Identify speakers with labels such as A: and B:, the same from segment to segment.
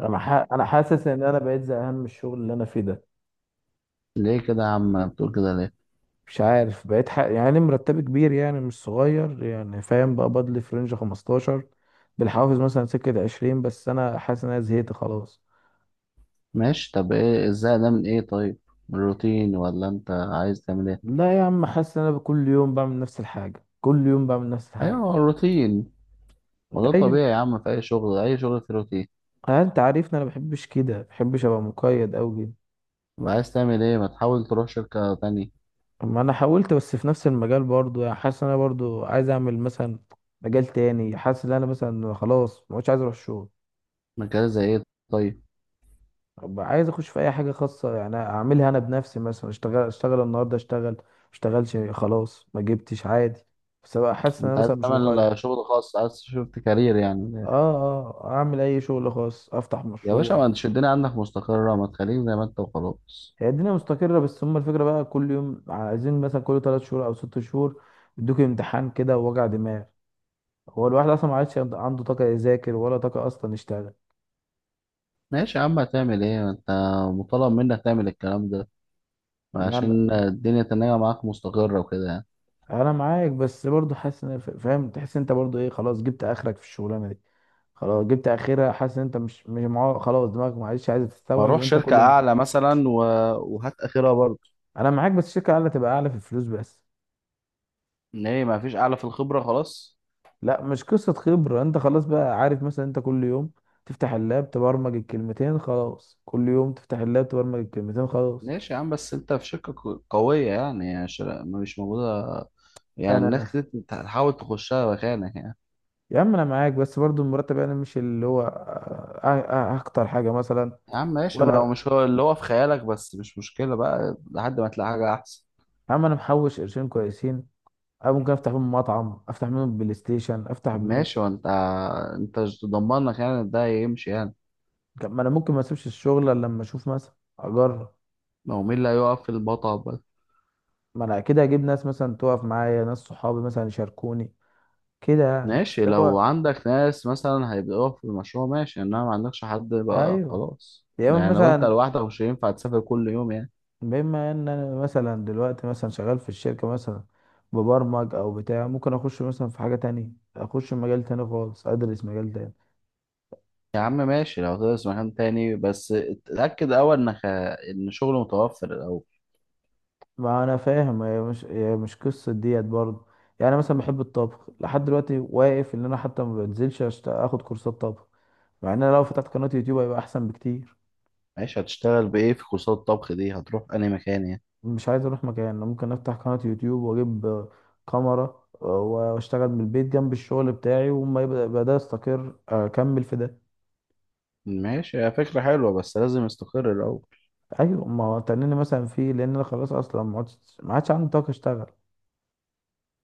A: انا حاسس ان انا بقيت زهقان من الشغل اللي انا فيه ده.
B: ليه كده يا عم؟ بتقول كده ليه؟
A: مش عارف، يعني مرتبي كبير، يعني مش صغير، يعني فاهم، بقى بدلي في رينج 15 بالحوافز، مثلا سكة 20، بس انا حاسس ان انا زهقت خلاص.
B: ماشي، طب ايه الزهق ده من ايه؟ طيب، من الروتين ولا انت عايز تعمل ايه؟
A: لا يا عم، حاسس ان انا كل يوم بعمل نفس الحاجة، كل يوم بعمل نفس
B: ايوه
A: الحاجة.
B: هو الروتين. وده
A: ايوه.
B: طبيعي يا عم، في اي شغل، اي شغل في روتين.
A: انت عارفني انا بحبش كده، بحبش ابقى مقيد اوي كده.
B: يبقى عايز تعمل ايه؟ ما تحاول تروح شركة تانية.
A: ما انا حاولت بس في نفس المجال برضو، يعني حاسس ان انا برضو عايز اعمل مثلا مجال تاني، حاسس ان انا مثلا خلاص ما عادش عايز اروح الشغل.
B: مجال زي ايه؟ طيب.
A: طب عايز اخش في اي حاجه خاصه، يعني اعملها انا بنفسي، مثلا اشتغل اشتغل النهارده، اشتغل ما اشتغلش خلاص ما جبتش عادي، بس ابقى حاسس ان انا
B: انت عايز
A: مثلا مش مقيد.
B: تعمل شغل خاص، عايز شفت كارير يعني؟
A: اه. اه اعمل اي شغل خاص، افتح
B: يا باشا
A: مشروع.
B: ما تشدني، الدنيا عندك مستقرة، ما تخليك زي ما انت وخلاص.
A: هي الدنيا مستقره بس هم الفكره بقى كل يوم عايزين مثلا كل 3 شهور او 6 شهور يدوك امتحان كده، ووجع دماغ. هو الواحد اصلا ما عادش عنده طاقه يذاكر، ولا طاقه اصلا يشتغل.
B: ماشي يا عم هتعمل ايه؟ ما انت مطالب منك تعمل الكلام ده
A: يعني
B: عشان الدنيا تنجح معاك مستقرة وكده يعني.
A: انا معاك، بس برضو حاسس ان فاهم، تحس انت برضو ايه، خلاص جبت اخرك في الشغلانه دي، خلاص جبت اخرها، حاسس ان انت مش معاه خلاص، دماغك معلش عايزه
B: ما
A: تستوعب ان
B: اروح
A: انت
B: شركة
A: كل...
B: اعلى مثلا و... وهات اخرها برضه.
A: انا معاك، بس الشركه اعلى تبقى اعلى في الفلوس بس.
B: ان هي ما فيش اعلى في الخبرة خلاص.
A: لا مش قصه خبره، انت خلاص بقى عارف مثلا انت كل يوم تفتح اللاب تبرمج الكلمتين خلاص، كل يوم تفتح اللاب تبرمج الكلمتين خلاص.
B: ماشي يا عم، بس انت في شركة قوية يعني مش موجودة، يعني الناس
A: انا،
B: كتير تحاول تخشها مكانك يعني.
A: يا عم انا معاك، بس برضو المرتب انا مش اللي هو اكتر حاجه مثلا.
B: يا عم ماشي، ما هو
A: ولا،
B: مش هو اللي هو في خيالك، بس مش مشكلة بقى لحد ما تلاقي حاجة احسن.
A: يا عم انا محوش قرشين كويسين. أنا ممكن أفتح بيهم مطعم، أفتح بيهم بلاي ستيشن، أفتح
B: طب
A: بيهم.
B: ماشي وانت، انت مش ضمنك يعني إن ده يمشي يعني؟
A: ما أنا ممكن ما أسيبش الشغل إلا لما أشوف مثلا، أجرب.
B: ما هو مين اللي هيقف في المطب؟
A: ما أنا أكيد هجيب ناس مثلا تقف معايا، ناس صحابي مثلا يشاركوني كده يعني.
B: ماشي،
A: بس
B: لو
A: هو...
B: عندك ناس مثلا هيبدأوا في المشروع ماشي، انما ما عندكش حد بقى
A: أيوه،
B: خلاص
A: يا إما
B: يعني، لو انت
A: مثلا،
B: لوحدك مش هينفع تسافر كل يوم يعني.
A: بما إن أنا مثلا دلوقتي مثلا شغال في الشركة مثلا ببرمج أو بتاع، ممكن أخش مثلا في حاجة تانية، أخش مجال تاني خالص، أدرس مجال تاني.
B: يا عم ماشي لو تدرس مكان تاني، بس اتأكد اول انك ان شغل متوفر الاول.
A: ما انا فاهم، هي مش قصه ديت برضه يعني. أنا مثلا بحب الطبخ، لحد دلوقتي واقف ان انا حتى ما بنزلش اخد كورسات طبخ، مع ان انا لو فتحت قناه يوتيوب هيبقى احسن بكتير.
B: ماشي هتشتغل بايه في كورسات الطبخ دي؟ هتروح انهي مكان يعني؟
A: مش عايز اروح مكان، أنا ممكن افتح قناه يوتيوب واجيب كاميرا، واشتغل من البيت جنب الشغل بتاعي، وما يبقى ده استقر اكمل في ده.
B: ماشي، هي فكرة حلوة بس لازم استقر الأول.
A: ايوه ما هو تنيني مثلا فيه، لان انا خلاص اصلا ما عادش عندي طاقه اشتغل.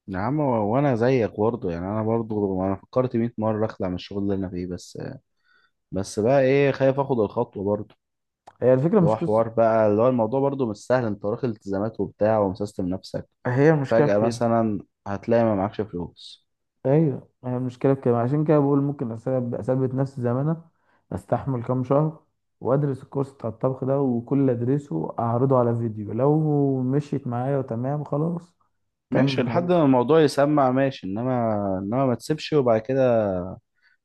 B: يا عم و- وأنا زيك برضه يعني، أنا برضه فكرت 100 مرة أخلع من الشغل اللي أنا فيه، بس بقى إيه، خايف آخد الخطوة برضه.
A: هي الفكره
B: اللي
A: مش
B: هو
A: قصه.
B: حوار بقى، اللي هو الموضوع برضو مش سهل، انت وراك التزامات وبتاع ومسيستم نفسك
A: هي المشكله في
B: فجأة
A: كده.
B: مثلا، هتلاقي ما معكش فلوس.
A: ايوه هي المشكله في كده، عشان كده بقول ممكن اثبت نفسي زي ما انا، استحمل كام شهر، وادرس الكورس بتاع الطبخ ده، وكل اللي ادرسه اعرضه على فيديو، لو مشيت معايا وتمام خلاص
B: ماشي
A: كمل حاجه.
B: لحد ما الموضوع يسمع ماشي، انما ما تسيبش وبعد كده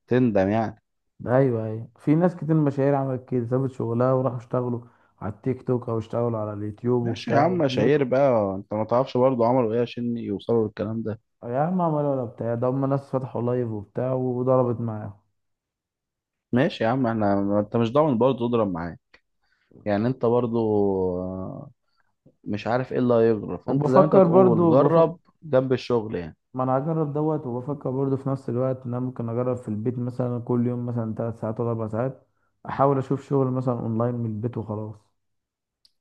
B: تندم يعني.
A: ايوه ايوه، في ناس كتير مشاهير عملت كده، سابت شغلها وراحوا اشتغلوا على التيك توك، او اشتغلوا على اليوتيوب
B: ماشي يا
A: وبتاع
B: عم
A: ونجحوا.
B: شهير بقى، انت ما تعرفش برضو عملوا ايه عشان يوصلوا للكلام ده.
A: يا عم عملوا ولا بتاع، ده هم ناس فتحوا لايف وبتاع وضربت معاهم.
B: ماشي يا عم احنا، ما انت مش ضامن برضو تضرب معاه، يعني انت برضو آه، مش عارف ايه اللي هيجرى، فانت زي ما انت
A: وبفكر
B: بتقول
A: برضو
B: جرب جنب الشغل يعني.
A: ما انا هجرب دوت، وبفكر برضه في نفس الوقت ان انا ممكن اجرب في البيت مثلا كل يوم مثلا 3 ساعات ولا 4 ساعات، احاول اشوف شغل مثلا اونلاين من البيت وخلاص.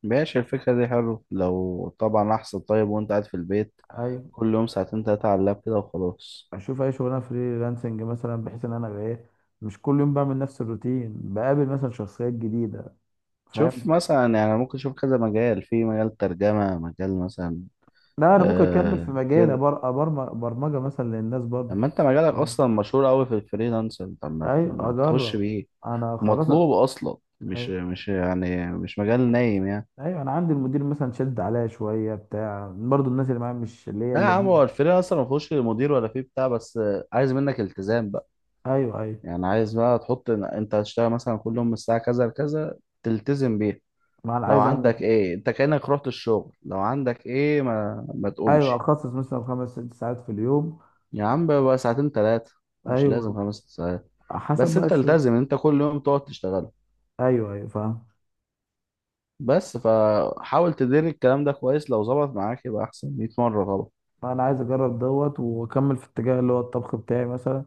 B: ماشي الفكرة دي حلو لو طبعا، أحسن، طيب وأنت قاعد في البيت
A: ايوه
B: كل يوم ساعتين تلاتة على اللاب كده وخلاص.
A: اشوف اي شغلانه فريلانسنج مثلا، بحيث ان انا أبقى ايه، مش كل يوم بعمل نفس الروتين، بقابل مثلا شخصيات جديده،
B: شوف
A: فاهم.
B: مثلا يعني، ممكن تشوف كذا مجال، في مجال ترجمة، مجال مثلا.
A: لا انا ممكن اكمل في
B: آه
A: مجالي،
B: كده.
A: برمجه مثلا للناس برضه.
B: أما أنت مجالك أصلا مشهور أوي في الفريلانسر، طب ما
A: ايوه
B: ما تخش
A: اجرب.
B: بيه.
A: انا خلاص
B: ومطلوب أصلا، مش
A: ايوه،
B: مش يعني مش مجال نايم يعني.
A: ايوه انا عندي المدير مثلا شد عليا شويه بتاع، برضه الناس اللي معايا مش اللي هي
B: لا يا عم،
A: اللذيذه.
B: هو الفريلانسر ما فيهوش مدير ولا فيه بتاع، بس عايز منك التزام بقى.
A: ايوه ايوه،
B: يعني عايز بقى تحط إن أنت هتشتغل مثلا كل يوم من الساعة كذا لكذا تلتزم بيها.
A: ما انا
B: لو
A: عايز اعمل
B: عندك
A: كده.
B: ايه انت كأنك رحت الشغل، لو عندك ايه ما
A: ايوه
B: تقومش.
A: اخصص مثلا خمس ست ساعات في اليوم.
B: يا عم بقى ساعتين ثلاثة، مش لازم
A: ايوه
B: خمس ست ساعات.
A: حسب
B: بس
A: بقى
B: انت
A: الشغل.
B: التزم ان انت كل يوم تقعد تشتغل.
A: ايوه ايوه فاهم.
B: بس فحاول تدير الكلام ده كويس، لو ظبط معاك يبقى احسن 100 مرة طبعا.
A: انا عايز اجرب دوت واكمل في الاتجاه اللي هو الطبخ بتاعي مثلا،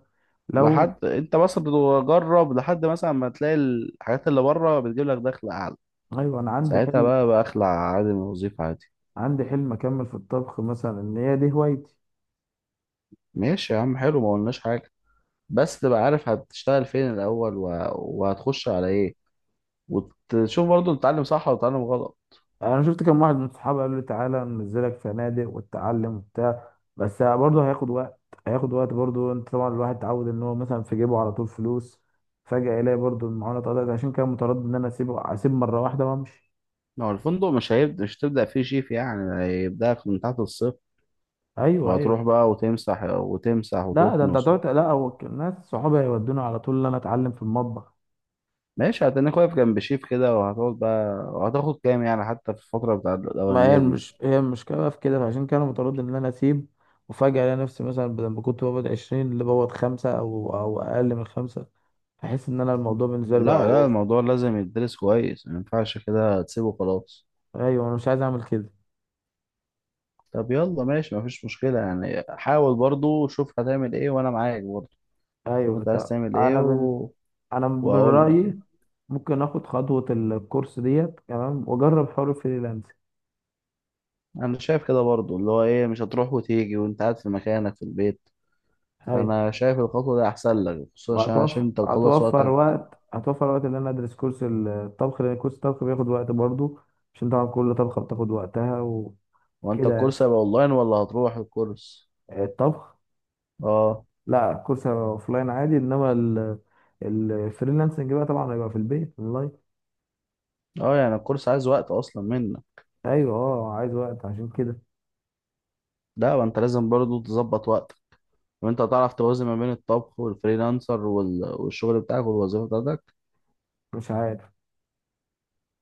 A: لو...
B: لحد انت بس بتجرب لحد مثلا ما تلاقي الحاجات اللي بره بتجيب لك دخل اعلى،
A: ايوه انا عندي
B: ساعتها
A: حلم.
B: بقى اخلع عادي من الوظيفة عادي.
A: عندي حلم اكمل في الطبخ مثلا، ان هي دي هوايتي.
B: ماشي يا عم حلو، ما قلناش حاجة. بس تبقى عارف هتشتغل فين الاول و... وهتخش على ايه، وتشوف برضه بتتعلم صح ولا بتتعلم غلط.
A: انا شفت كم واحد من صحابي قال لي تعالى ننزلك فنادق وتتعلم وبتاع، بس برضه هياخد وقت، هياخد وقت برضه. انت طبعا الواحد اتعود ان هو مثلا في جيبه على طول فلوس، فجأة يلاقي برضه المعونة اتقطعت، عشان كده متردد ان انا اسيبه، اسيب مرة واحدة وامشي.
B: ما هو الفندق مش هيبدأ، مش هتبدأ فيه شيف يعني، هيبدأك من تحت الصفر
A: ايوه
B: وهتروح
A: ايوه.
B: بقى وتمسح وتمسح
A: لا ده انت
B: وتكنس.
A: هتقعد، لا هو الناس صحابي هيودوني على طول ان انا اتعلم في المطبخ.
B: ماشي هتنك واقف جنب شيف كده، وهتقعد بقى وهتاخد كام يعني حتى في الفترة بتاع
A: ما هي
B: الأولانية دي.
A: المش... هي المشكله بقى في كده، فعشان كده انا متردد ان انا اسيب، وفجاه الاقي نفسي مثلا بدل ما كنت بقبض 20، اللي بقبض خمسه او اقل من خمسه، احس ان انا الموضوع بالنسبه لي بقى
B: لا لا،
A: اوفر.
B: الموضوع لازم يدرس كويس، ما ينفعش كده تسيبه خلاص.
A: ايوه انا مش عايز اعمل كده.
B: طب يلا ماشي، مفيش مشكلة يعني، حاول برضه شوف هتعمل ايه وانا معاك برضه. شوف
A: ايوه
B: انت عايز
A: طب
B: تعمل ايه و...
A: انا من
B: وهقول لك يعني.
A: رايي ممكن اخد خطوه الكورس ديت تمام واجرب حوار الفريلانس.
B: انا شايف كده برضو اللي هو ايه، مش هتروح وتيجي وانت قاعد في مكانك في البيت،
A: ايوه
B: فانا شايف الخطوه دي احسن لك، خصوصا عشان
A: وهتوفر
B: انت تخلص
A: هتوفر
B: وقتك.
A: وقت، هتوفر وقت ان انا ادرس كورس الطبخ، لان كورس الطبخ بياخد وقت برضه، عشان طبعا كل طبخه بتاخد وقتها
B: وانت
A: وكده.
B: الكورس هيبقى اونلاين ولا هتروح الكورس؟
A: الطبخ.
B: اه.
A: لا كورس اوفلاين عادي، انما الفريلانسنج بقى طبعا هيبقى في البيت اونلاين.
B: اه يعني الكورس عايز وقت اصلا منك،
A: ايوه، اه عايز وقت عشان كده.
B: ده وانت لازم برضو تظبط وقتك. وانت هتعرف توازن ما بين الطبخ والفريلانسر وال... والشغل بتاعك والوظيفه بتاعتك؟
A: مش عارف.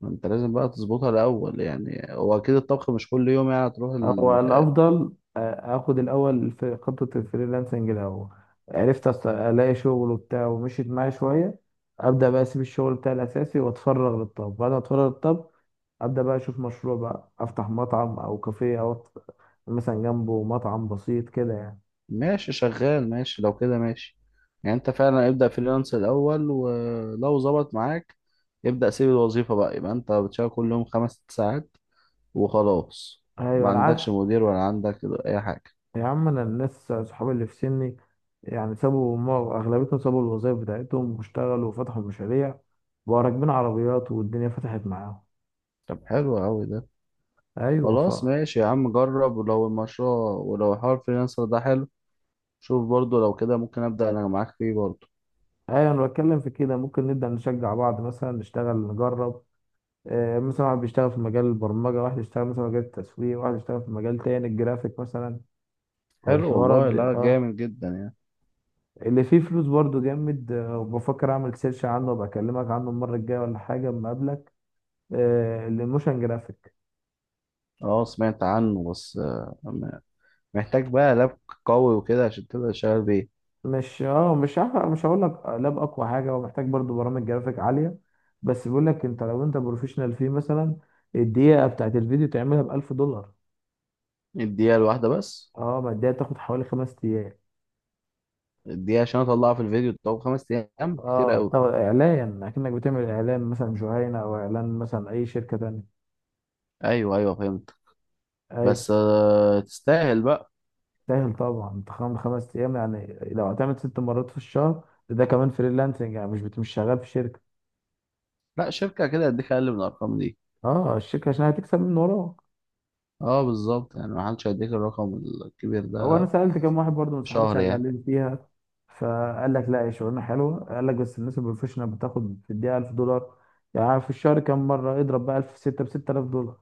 B: انت لازم بقى تظبطها الاول، يعني هو اكيد الطبخ مش كل يوم يعني هتروح.
A: هو الافضل اخد الاول في خطه الفريلانسنج الاول، عرفت الاقي شغل وبتاع ومشيت معايا شويه، ابدا بقى اسيب الشغل بتاعي الاساسي واتفرغ للطبخ. بعد ما اتفرغ للطبخ، ابدا بقى اشوف مشروع بقى، افتح مطعم او كافيه، مثلا جنبه مطعم بسيط كده يعني.
B: ماشي شغال ماشي، لو كده ماشي. يعني انت فعلا ابدأ فريلانس الأول، ولو ظبط معاك ابدأ سيب الوظيفة بقى، يبقى انت بتشتغل كل يوم خمس ست ساعات وخلاص. ما
A: ايوه انا عارف.
B: عندكش مدير ولا عندك أي حاجة.
A: يا عم انا الناس صحابي اللي في سني، يعني سابوا اغلبيتهم سابوا الوظائف بتاعتهم واشتغلوا وفتحوا مشاريع، بقوا راكبين عربيات والدنيا فتحت معاهم.
B: طب حلو أوي ده.
A: ايوه
B: خلاص ماشي يا عم جرب، ولو المشروع، ولو حوار فريلانسر ده حلو. شوف برضو لو كده ممكن أبدأ أنا معاك فيه برضو.
A: ايوه انا بتكلم في كده، ممكن نبدا نشجع بعض مثلا، نشتغل نجرب، مثلا واحد بيشتغل في مجال البرمجه، واحد يشتغل مثلا في مجال التسويق، واحد يشتغل في مجال تاني الجرافيك مثلا،
B: حلو
A: والحوارات
B: والله،
A: دي.
B: لا
A: اه
B: جامد جدا يعني.
A: اللي فيه فلوس برضو جامد، وبفكر اعمل سيرش عنه وابقى اكلمك عنه المره الجايه، ولا حاجه اما اقابلك. الموشن جرافيك.
B: اه سمعت عنه بس محتاج بقى لاب قوي وكده عشان تبدأ تشتغل بيه.
A: مش اه مش هح- مش هقول لك لاب اقوى حاجه، هو محتاج برضو برامج جرافيك عاليه، بس بيقول لك انت لو انت بروفيشنال فيه مثلا الدقيقه بتاعت الفيديو تعملها ب 1000 دولار.
B: الدقيقة الواحدة بس؟
A: اه ما الدقيقه تاخد حوالي 5 ايام.
B: الدقيقة عشان أطلعها في الفيديو؟ طب خمس أيام كتير
A: اه
B: أوي.
A: بتاخد اعلان، اكنك بتعمل اعلان مثلا جهينه، او اعلان مثلا اي شركه تانية.
B: أيوه أيوه فهمت. بس
A: أيوة.
B: آه تستاهل بقى.
A: سهل طبعا انت، 5 ايام يعني لو هتعمل 6 مرات في الشهر، ده كمان فريلانسنج يعني مش شغال في شركه.
B: لا شركة كده هديك أقل من الأرقام دي.
A: اه الشركه عشان هتكسب من وراك.
B: أه بالظبط، يعني محدش هيديك الرقم الكبير
A: او انا
B: ده
A: سالت كام واحد برضه من
B: في
A: صحابي
B: شهر يعني.
A: شغالين فيها، فقال لك لا هي شغلانه حلوه، قال لك بس الناس البروفيشنال بتاخد في الدقيقه 1000 دولار، يعني في الشهر كام مره، اضرب بقى 1000 في 6 ب 6000 دولار.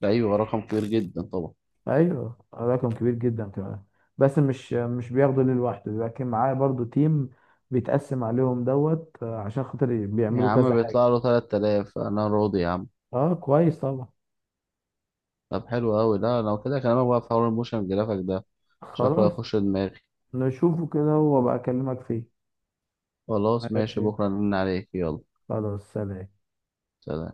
B: ده أيوه رقم كبير جدا طبعا.
A: ايوه رقم كبير جدا كمان، بس مش بياخده ليه لوحده، لكن معاه برضه تيم بيتقسم عليهم دوت، عشان خاطر
B: يا
A: بيعملوا
B: عم
A: كذا حاجه.
B: بيطلع له 3000، أنا راضي يا عم.
A: اه كويس طبعا.
B: طب حلو أوي، لا لو كده كلامك بقى في حوار الموشن جرافيك ده، شكله
A: خلاص.
B: هيخش دماغي.
A: نشوفه كده وابقى اكلمك فيه.
B: خلاص ماشي،
A: ماشي.
B: بكرة نرن عليك، يلا.
A: خلاص سلام.
B: سلام.